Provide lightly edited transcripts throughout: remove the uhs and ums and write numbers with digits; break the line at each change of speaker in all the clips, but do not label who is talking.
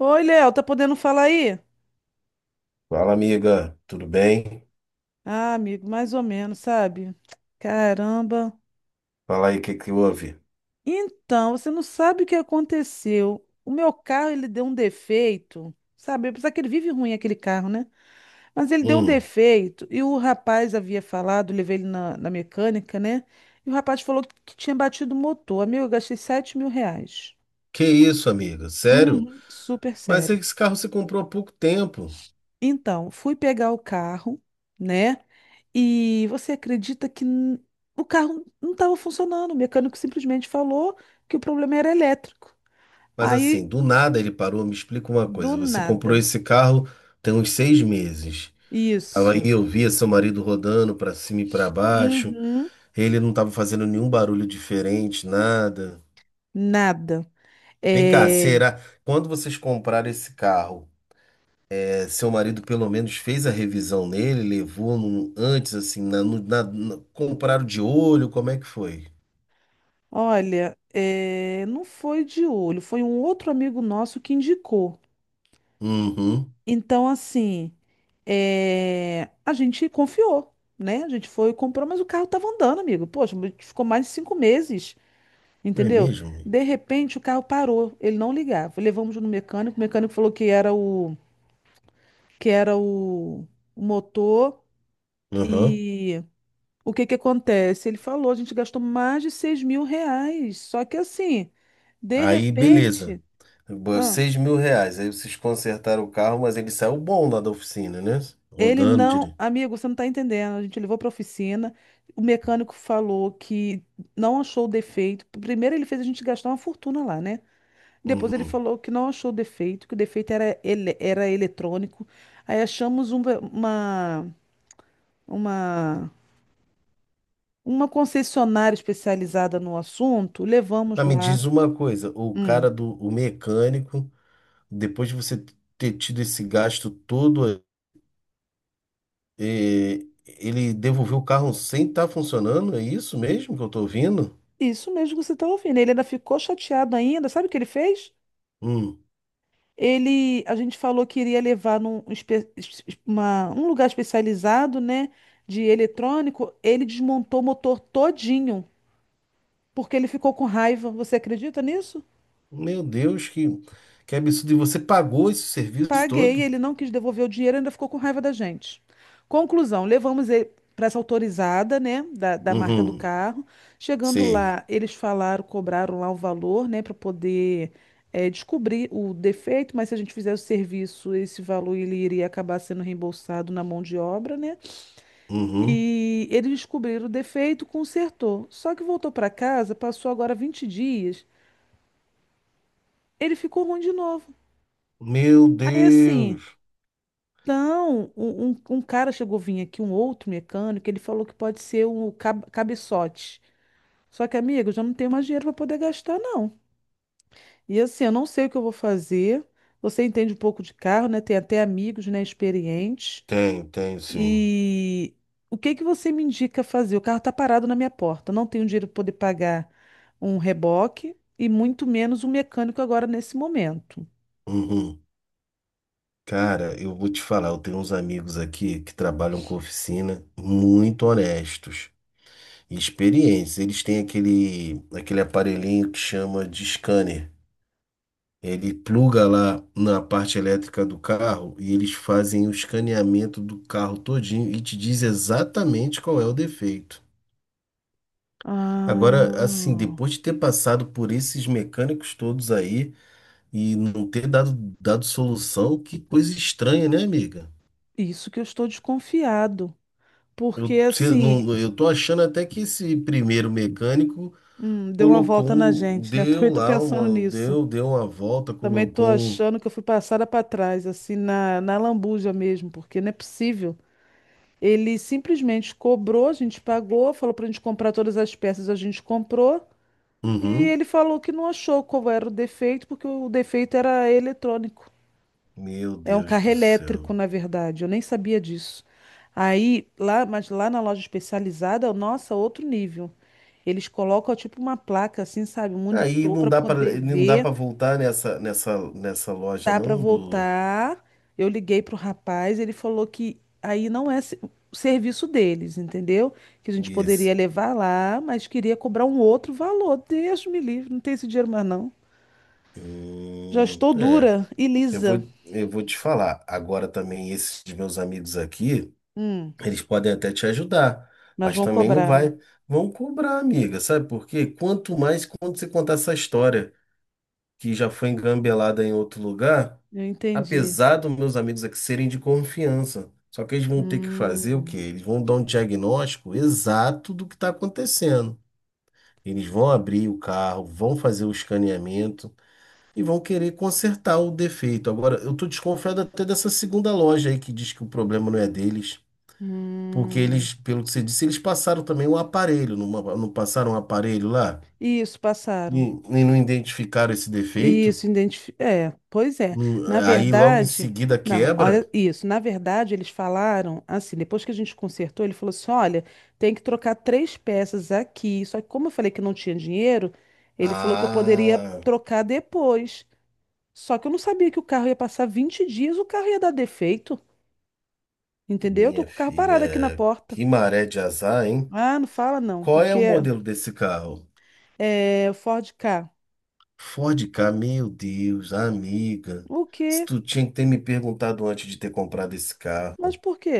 Oi, Léo, tá podendo falar aí?
Fala, amiga, tudo bem?
Ah, amigo, mais ou menos, sabe? Caramba.
Fala aí o que que houve.
Então, você não sabe o que aconteceu. O meu carro, ele deu um defeito, sabe? Apesar que ele vive ruim, aquele carro, né? Mas ele deu um
Hum,
defeito e o rapaz havia falado, levei ele na mecânica, né? E o rapaz falou que tinha batido o motor. Amigo, eu gastei R$ 7.000.
que isso, amiga? Sério?
Uhum, super
Mas
sério.
esse carro você comprou há pouco tempo.
Então, fui pegar o carro, né? E você acredita que o carro não estava funcionando? O mecânico simplesmente falou que o problema era elétrico.
Mas
Aí,
assim, do nada ele parou. Me explica uma
do
coisa. Você comprou
nada.
esse carro tem uns 6 meses. Tava aí,
Isso.
eu via seu marido rodando pra cima e pra baixo.
Uhum,
Ele não tava fazendo nenhum barulho diferente, nada.
nada.
Vem cá,
É,
será? Quando vocês compraram esse carro? Seu marido pelo menos fez a revisão nele, levou antes, assim, na, no- na- na- compraram de olho, como é que foi?
olha, é, não foi de olho, foi um outro amigo nosso que indicou.
Uhum,
Então, assim, é, a gente confiou, né? A gente foi e comprou, mas o carro estava andando, amigo. Poxa, ficou mais de 5 meses.
é
Entendeu?
mesmo?
De repente o carro parou, ele não ligava. Levamos no mecânico, o mecânico falou que era o motor.
Uhum.
E o que que acontece? Ele falou, a gente gastou mais de R$ 6.000. Só que assim, de
Aí, beleza.
repente, ah,
R$ 6.000. Aí vocês consertaram o carro, mas ele saiu bom lá da oficina, né?
ele
Rodando
não,
direito.
amigo, você não está entendendo. A gente levou para oficina, o mecânico falou que não achou o defeito. Primeiro ele fez a gente gastar uma fortuna lá, né? Depois ele
Uhum.
falou que não achou defeito, que o defeito era eletrônico. Aí achamos uma, uma, uma concessionária especializada no assunto, levamos
Mas me
lá.
diz uma coisa, o
Hum,
cara do o mecânico, depois de você ter tido esse gasto todo, eh, ele devolveu o carro sem estar funcionando? É isso mesmo que eu tô ouvindo?
isso mesmo que você está ouvindo. Ele ainda ficou chateado ainda. Sabe o que ele fez?
Hum.
A gente falou que iria levar num lugar especializado, né, de eletrônico. Ele desmontou o motor todinho, porque ele ficou com raiva. Você acredita nisso?
Meu Deus, que absurdo. E você pagou esse serviço
Paguei,
todo?
ele não quis devolver o dinheiro, ainda ficou com raiva da gente. Conclusão, levamos ele para essa autorizada, né, da marca do
Uhum.
carro. Chegando
Sei.
lá, eles falaram, cobraram lá o valor, né, para poder descobrir o defeito, mas se a gente fizer o serviço, esse valor ele iria acabar sendo reembolsado na mão de obra, né?
Uhum.
E eles descobriram o defeito, consertou. Só que voltou para casa, passou agora 20 dias, ele ficou ruim de novo.
Meu
Aí assim,
Deus.
então, um cara chegou a vir aqui, um outro mecânico, ele falou que pode ser o cabeçote. Só que, amigo, eu já não tenho mais dinheiro para poder gastar, não. E assim, eu não sei o que eu vou fazer. Você entende um pouco de carro, né? Tem até amigos, né, experientes.
Tem, tem, sim.
E o que que você me indica fazer? O carro tá parado na minha porta. Eu não tenho dinheiro para poder pagar um reboque e muito menos um mecânico agora nesse momento.
Uhum. Cara, eu vou te falar, eu tenho uns amigos aqui que trabalham com oficina muito honestos e experientes. Eles têm aquele aparelhinho que chama de scanner. Ele pluga lá na parte elétrica do carro e eles fazem o escaneamento do carro todinho e te diz exatamente qual é o defeito. Agora, assim,
Ah,
depois de ter passado por esses mecânicos todos aí e não ter dado solução, que coisa estranha, né, amiga?
isso que eu estou desconfiado. Porque
Eu, se-
assim,
não, Eu tô achando até que esse primeiro mecânico
deu uma
colocou
volta na
um,
gente, né? Eu
deu
também tô
lá
pensando
uma,
nisso.
deu uma volta,
Também tô
colocou um.
achando que eu fui passada para trás, assim, na lambuja mesmo, porque não é possível. Ele simplesmente cobrou, a gente pagou, falou pra gente comprar todas as peças, a gente comprou, e
Uhum.
ele falou que não achou qual era o defeito, porque o defeito era eletrônico.
Meu
É um
Deus
carro
do
elétrico,
céu.
na verdade. Eu nem sabia disso. Aí, lá, mas lá na loja especializada, nossa, outro nível. Eles colocam tipo uma placa assim, sabe, um
Aí
monitor
não
para
dá
poder
para não dá
ver,
para voltar nessa loja
dá para
não do
voltar. Eu liguei pro rapaz, ele falou que aí não é o serviço deles, entendeu? Que a gente poderia
Guiz.
levar lá, mas queria cobrar um outro valor. Deus me livre, não tem esse dinheiro mais não. Já
Hum,
estou
é,
dura e
eu
lisa.
vou eu vou te falar. Agora também esses de meus amigos aqui,
Hum,
eles podem até te ajudar,
mas
mas
vão
também não
cobrar, né?
vai vão cobrar, amiga, sabe? Por quê? Quanto mais quando você contar essa história que já foi engambelada em outro lugar,
Eu entendi.
apesar dos meus amigos aqui serem de confiança, só que eles vão ter que fazer o quê?
Hum,
Eles vão dar um diagnóstico exato do que está acontecendo. Eles vão abrir o carro, vão fazer o escaneamento e vão querer consertar o defeito. Agora, eu estou desconfiado até dessa segunda loja aí que diz que o problema não é deles, porque
hum.
eles, pelo que você disse, eles passaram também o aparelho, não passaram um aparelho lá
Isso,
e,
passaram.
e não identificaram esse defeito.
Isso. É, pois é.
Hum,
Na
Aí logo em
verdade,
seguida
não,
quebra.
olha isso. Na verdade, eles falaram assim, depois que a gente consertou, ele falou assim: olha, tem que trocar três peças aqui. Só que, como eu falei que não tinha dinheiro, ele falou que eu poderia
Ah,
trocar depois. Só que eu não sabia que o carro ia passar 20 dias, o carro ia dar defeito, entendeu? Eu tô
minha
com o carro parado aqui na
filha,
porta.
que maré de azar, hein?
Ah, não fala não,
Qual é
porque
o modelo desse carro?
é Ford K.
Ford Ka, meu Deus, amiga.
O
Se
quê?
tu tinha que ter me perguntado antes de ter comprado esse
Mas
carro.
por quê?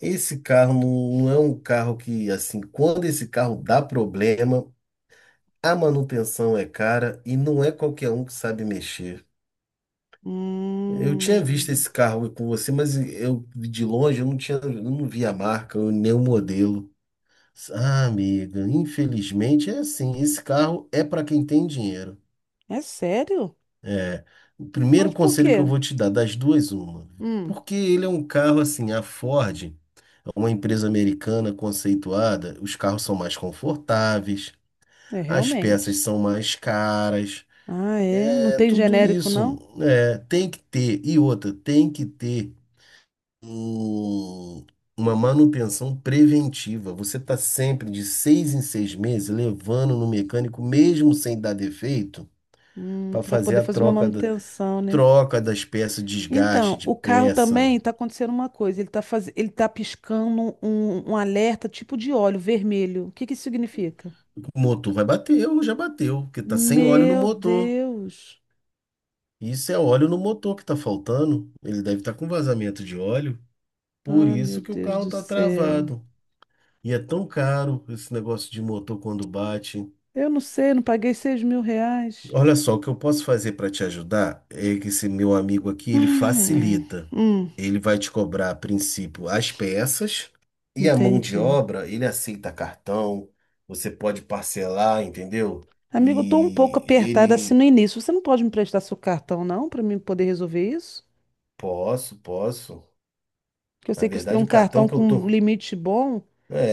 Esse carro não é um carro que, assim, quando esse carro dá problema, a manutenção é cara e não é qualquer um que sabe mexer. Eu tinha visto
Hum,
esse carro com você, mas eu de longe eu não tinha, eu não vi a marca, nem o modelo. Ah, amiga, infelizmente é assim, esse carro é para quem tem dinheiro.
é sério?
É, o
Mas
primeiro
por
conselho
quê?
que eu vou te dar, das duas, uma.
Hum,
Porque ele é um carro assim, a Ford é uma empresa americana conceituada, os carros são mais confortáveis,
é
as peças
realmente.
são mais caras,
Ah, é? Não
é
tem
tudo
genérico,
isso.
não?
É, tem que ter, e outra, tem que ter um- uma manutenção preventiva. Você está sempre de 6 em 6 meses levando no mecânico, mesmo sem dar defeito, para
Para
fazer
poder
a
fazer uma
troca.
manutenção, né?
Troca das peças, desgaste
Então,
de
o carro
peça.
também está acontecendo uma coisa. Ele tá piscando um alerta tipo de óleo vermelho. O que que isso significa?
O motor vai bater, ou já bateu, porque tá sem óleo no
Meu
motor.
Deus!
Isso é óleo no motor que tá faltando. Ele deve estar com vazamento de óleo. Por
Ah, meu
isso que o
Deus
carro
do
tá
céu.
travado. E é tão caro esse negócio de motor quando bate.
Eu não sei, não paguei R$ 6.000.
Olha só, o que eu posso fazer para te ajudar é que esse meu amigo aqui, ele
Ai, ai.
facilita.
Hum,
Ele vai te cobrar, a princípio, as peças e a mão de
entendi.
obra, ele aceita cartão, você pode parcelar, entendeu?
Amigo, eu tô um pouco
E
apertada assim
ele,
no início. Você não pode me prestar seu cartão, não, para mim poder resolver isso?
posso, posso.
Que eu
Na
sei que você tem
verdade,
um
o cartão
cartão
que eu
com um
tô
limite bom.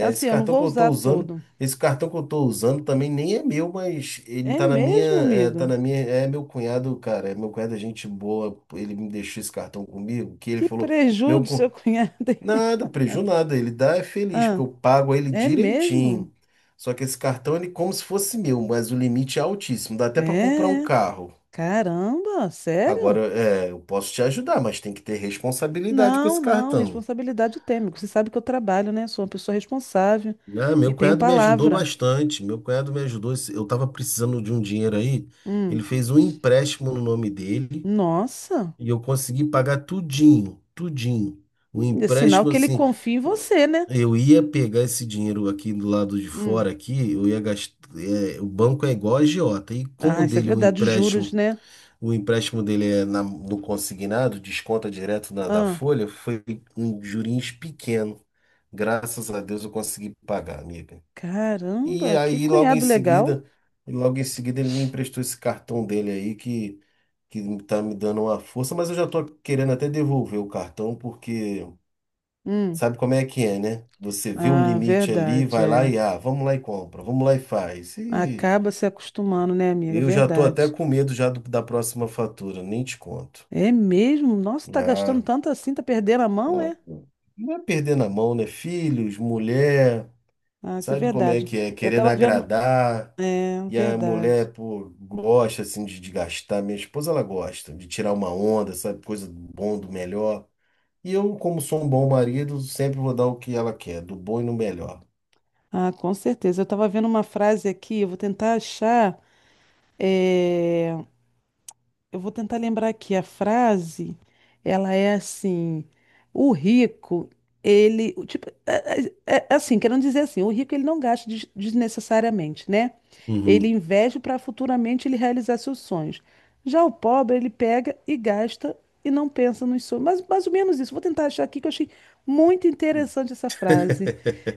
É assim,
esse
eu não
cartão
vou
que eu tô
usar
usando,
todo.
esse cartão que eu tô usando também nem é meu, mas ele
É
tá na minha,
mesmo,
é, tá
amigo?
na minha, é meu cunhado, cara, é meu cunhado é gente boa, ele me deixou esse cartão comigo, que ele
Que
falou,
preju
meu,
do
cu-
seu cunhado. hein?
nada, preju nada, ele dá é feliz, porque
Ah,
eu pago ele
é mesmo?
direitinho. Só que esse cartão, ele é como se fosse meu, mas o limite é altíssimo, dá até pra comprar um
É.
carro.
Caramba,
Agora,
sério?
eu posso te ajudar, mas tem que ter responsabilidade com esse
Não, não,
cartão.
responsabilidade eu tenho, amigo. Você sabe que eu trabalho, né? Sou uma pessoa responsável
Ah,
e
meu
tenho
cunhado me ajudou
palavra.
bastante. Meu cunhado me ajudou. Eu estava precisando de um dinheiro aí. Ele
Hum.
fez um empréstimo no nome dele
Nossa,
e eu consegui pagar tudinho, tudinho. O
é sinal
empréstimo
que ele
assim,
confia em você, né?
eu ia pegar esse dinheiro aqui do lado de
Hum.
fora aqui, eu ia gastar, o banco é igual a agiota. E como
Ah,
o
isso é
dele o
verdade, os juros,
empréstimo,
né?
o empréstimo dele é no consignado, desconta direto da
Ah,
folha, foi um juros pequeno. Graças a Deus eu consegui pagar, amiga. E
caramba, que
aí, logo em
cunhado legal.
seguida, logo em seguida, ele me emprestou esse cartão dele aí que tá me dando uma força, mas eu já tô querendo até devolver o cartão, porque
Hum.
sabe como é que é, né? Você vê o
Ah,
limite ali,
verdade,
vai lá
é.
e vamos lá e compra, vamos lá e faz. E
Acaba se acostumando, né, amiga?
eu já tô até
Verdade.
com medo já da próxima fatura, nem te conto.
É mesmo? Nossa, tá gastando
Ah,
tanto assim, tá perdendo a mão,
ah,
é?
não é perder na mão, né? Filhos, mulher.
Ah, isso é
Sabe como é
verdade.
que é?
Eu
Querendo
tava vendo.
agradar.
É,
E a
verdade.
mulher, pô, gosta assim de gastar. Minha esposa, ela gosta de tirar uma onda, sabe? Coisa do bom, do melhor. E eu, como sou um bom marido, sempre vou dar o que ela quer, do bom e no melhor.
Ah, com certeza. Eu tava vendo uma frase aqui, eu vou tentar achar. é, Eu vou tentar lembrar que a frase, ela é assim, o rico, ele, o tipo, é assim, querendo dizer assim, o rico ele não gasta desnecessariamente, né? Ele
Uhum.
investe para futuramente ele realizar seus sonhos. Já o pobre, ele pega e gasta e não pensa nos sonhos. Mas mais ou menos isso. Vou tentar achar aqui que eu achei muito interessante essa frase.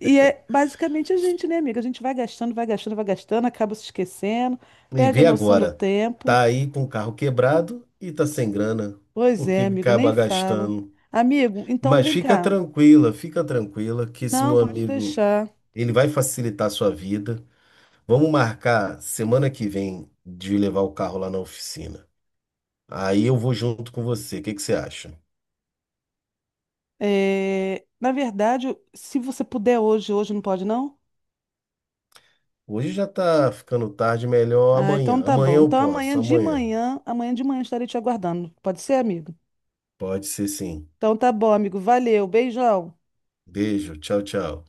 E é basicamente a gente, né, amiga? A gente vai gastando, vai gastando, vai gastando, acaba se esquecendo,
E
perde a
vê
noção do
agora,
tempo.
tá aí com o carro quebrado e tá sem grana,
Pois
porque
é, amigo, nem
acaba
falo.
gastando.
Amigo, então
Mas
vem cá.
fica tranquila que esse
Não,
meu
pode
amigo,
deixar.
ele vai facilitar a sua vida. Vamos marcar semana que vem de levar o carro lá na oficina. Aí eu vou junto com você. O que que você acha?
É, na verdade, se você puder hoje, hoje não pode, não?
Hoje já tá ficando tarde, melhor
Ah, então
amanhã.
tá
Amanhã
bom.
eu
Então
posso, amanhã.
amanhã de manhã estarei te aguardando. Pode ser, amigo?
Pode ser sim.
Então tá bom, amigo. Valeu, beijão.
Beijo, tchau, tchau.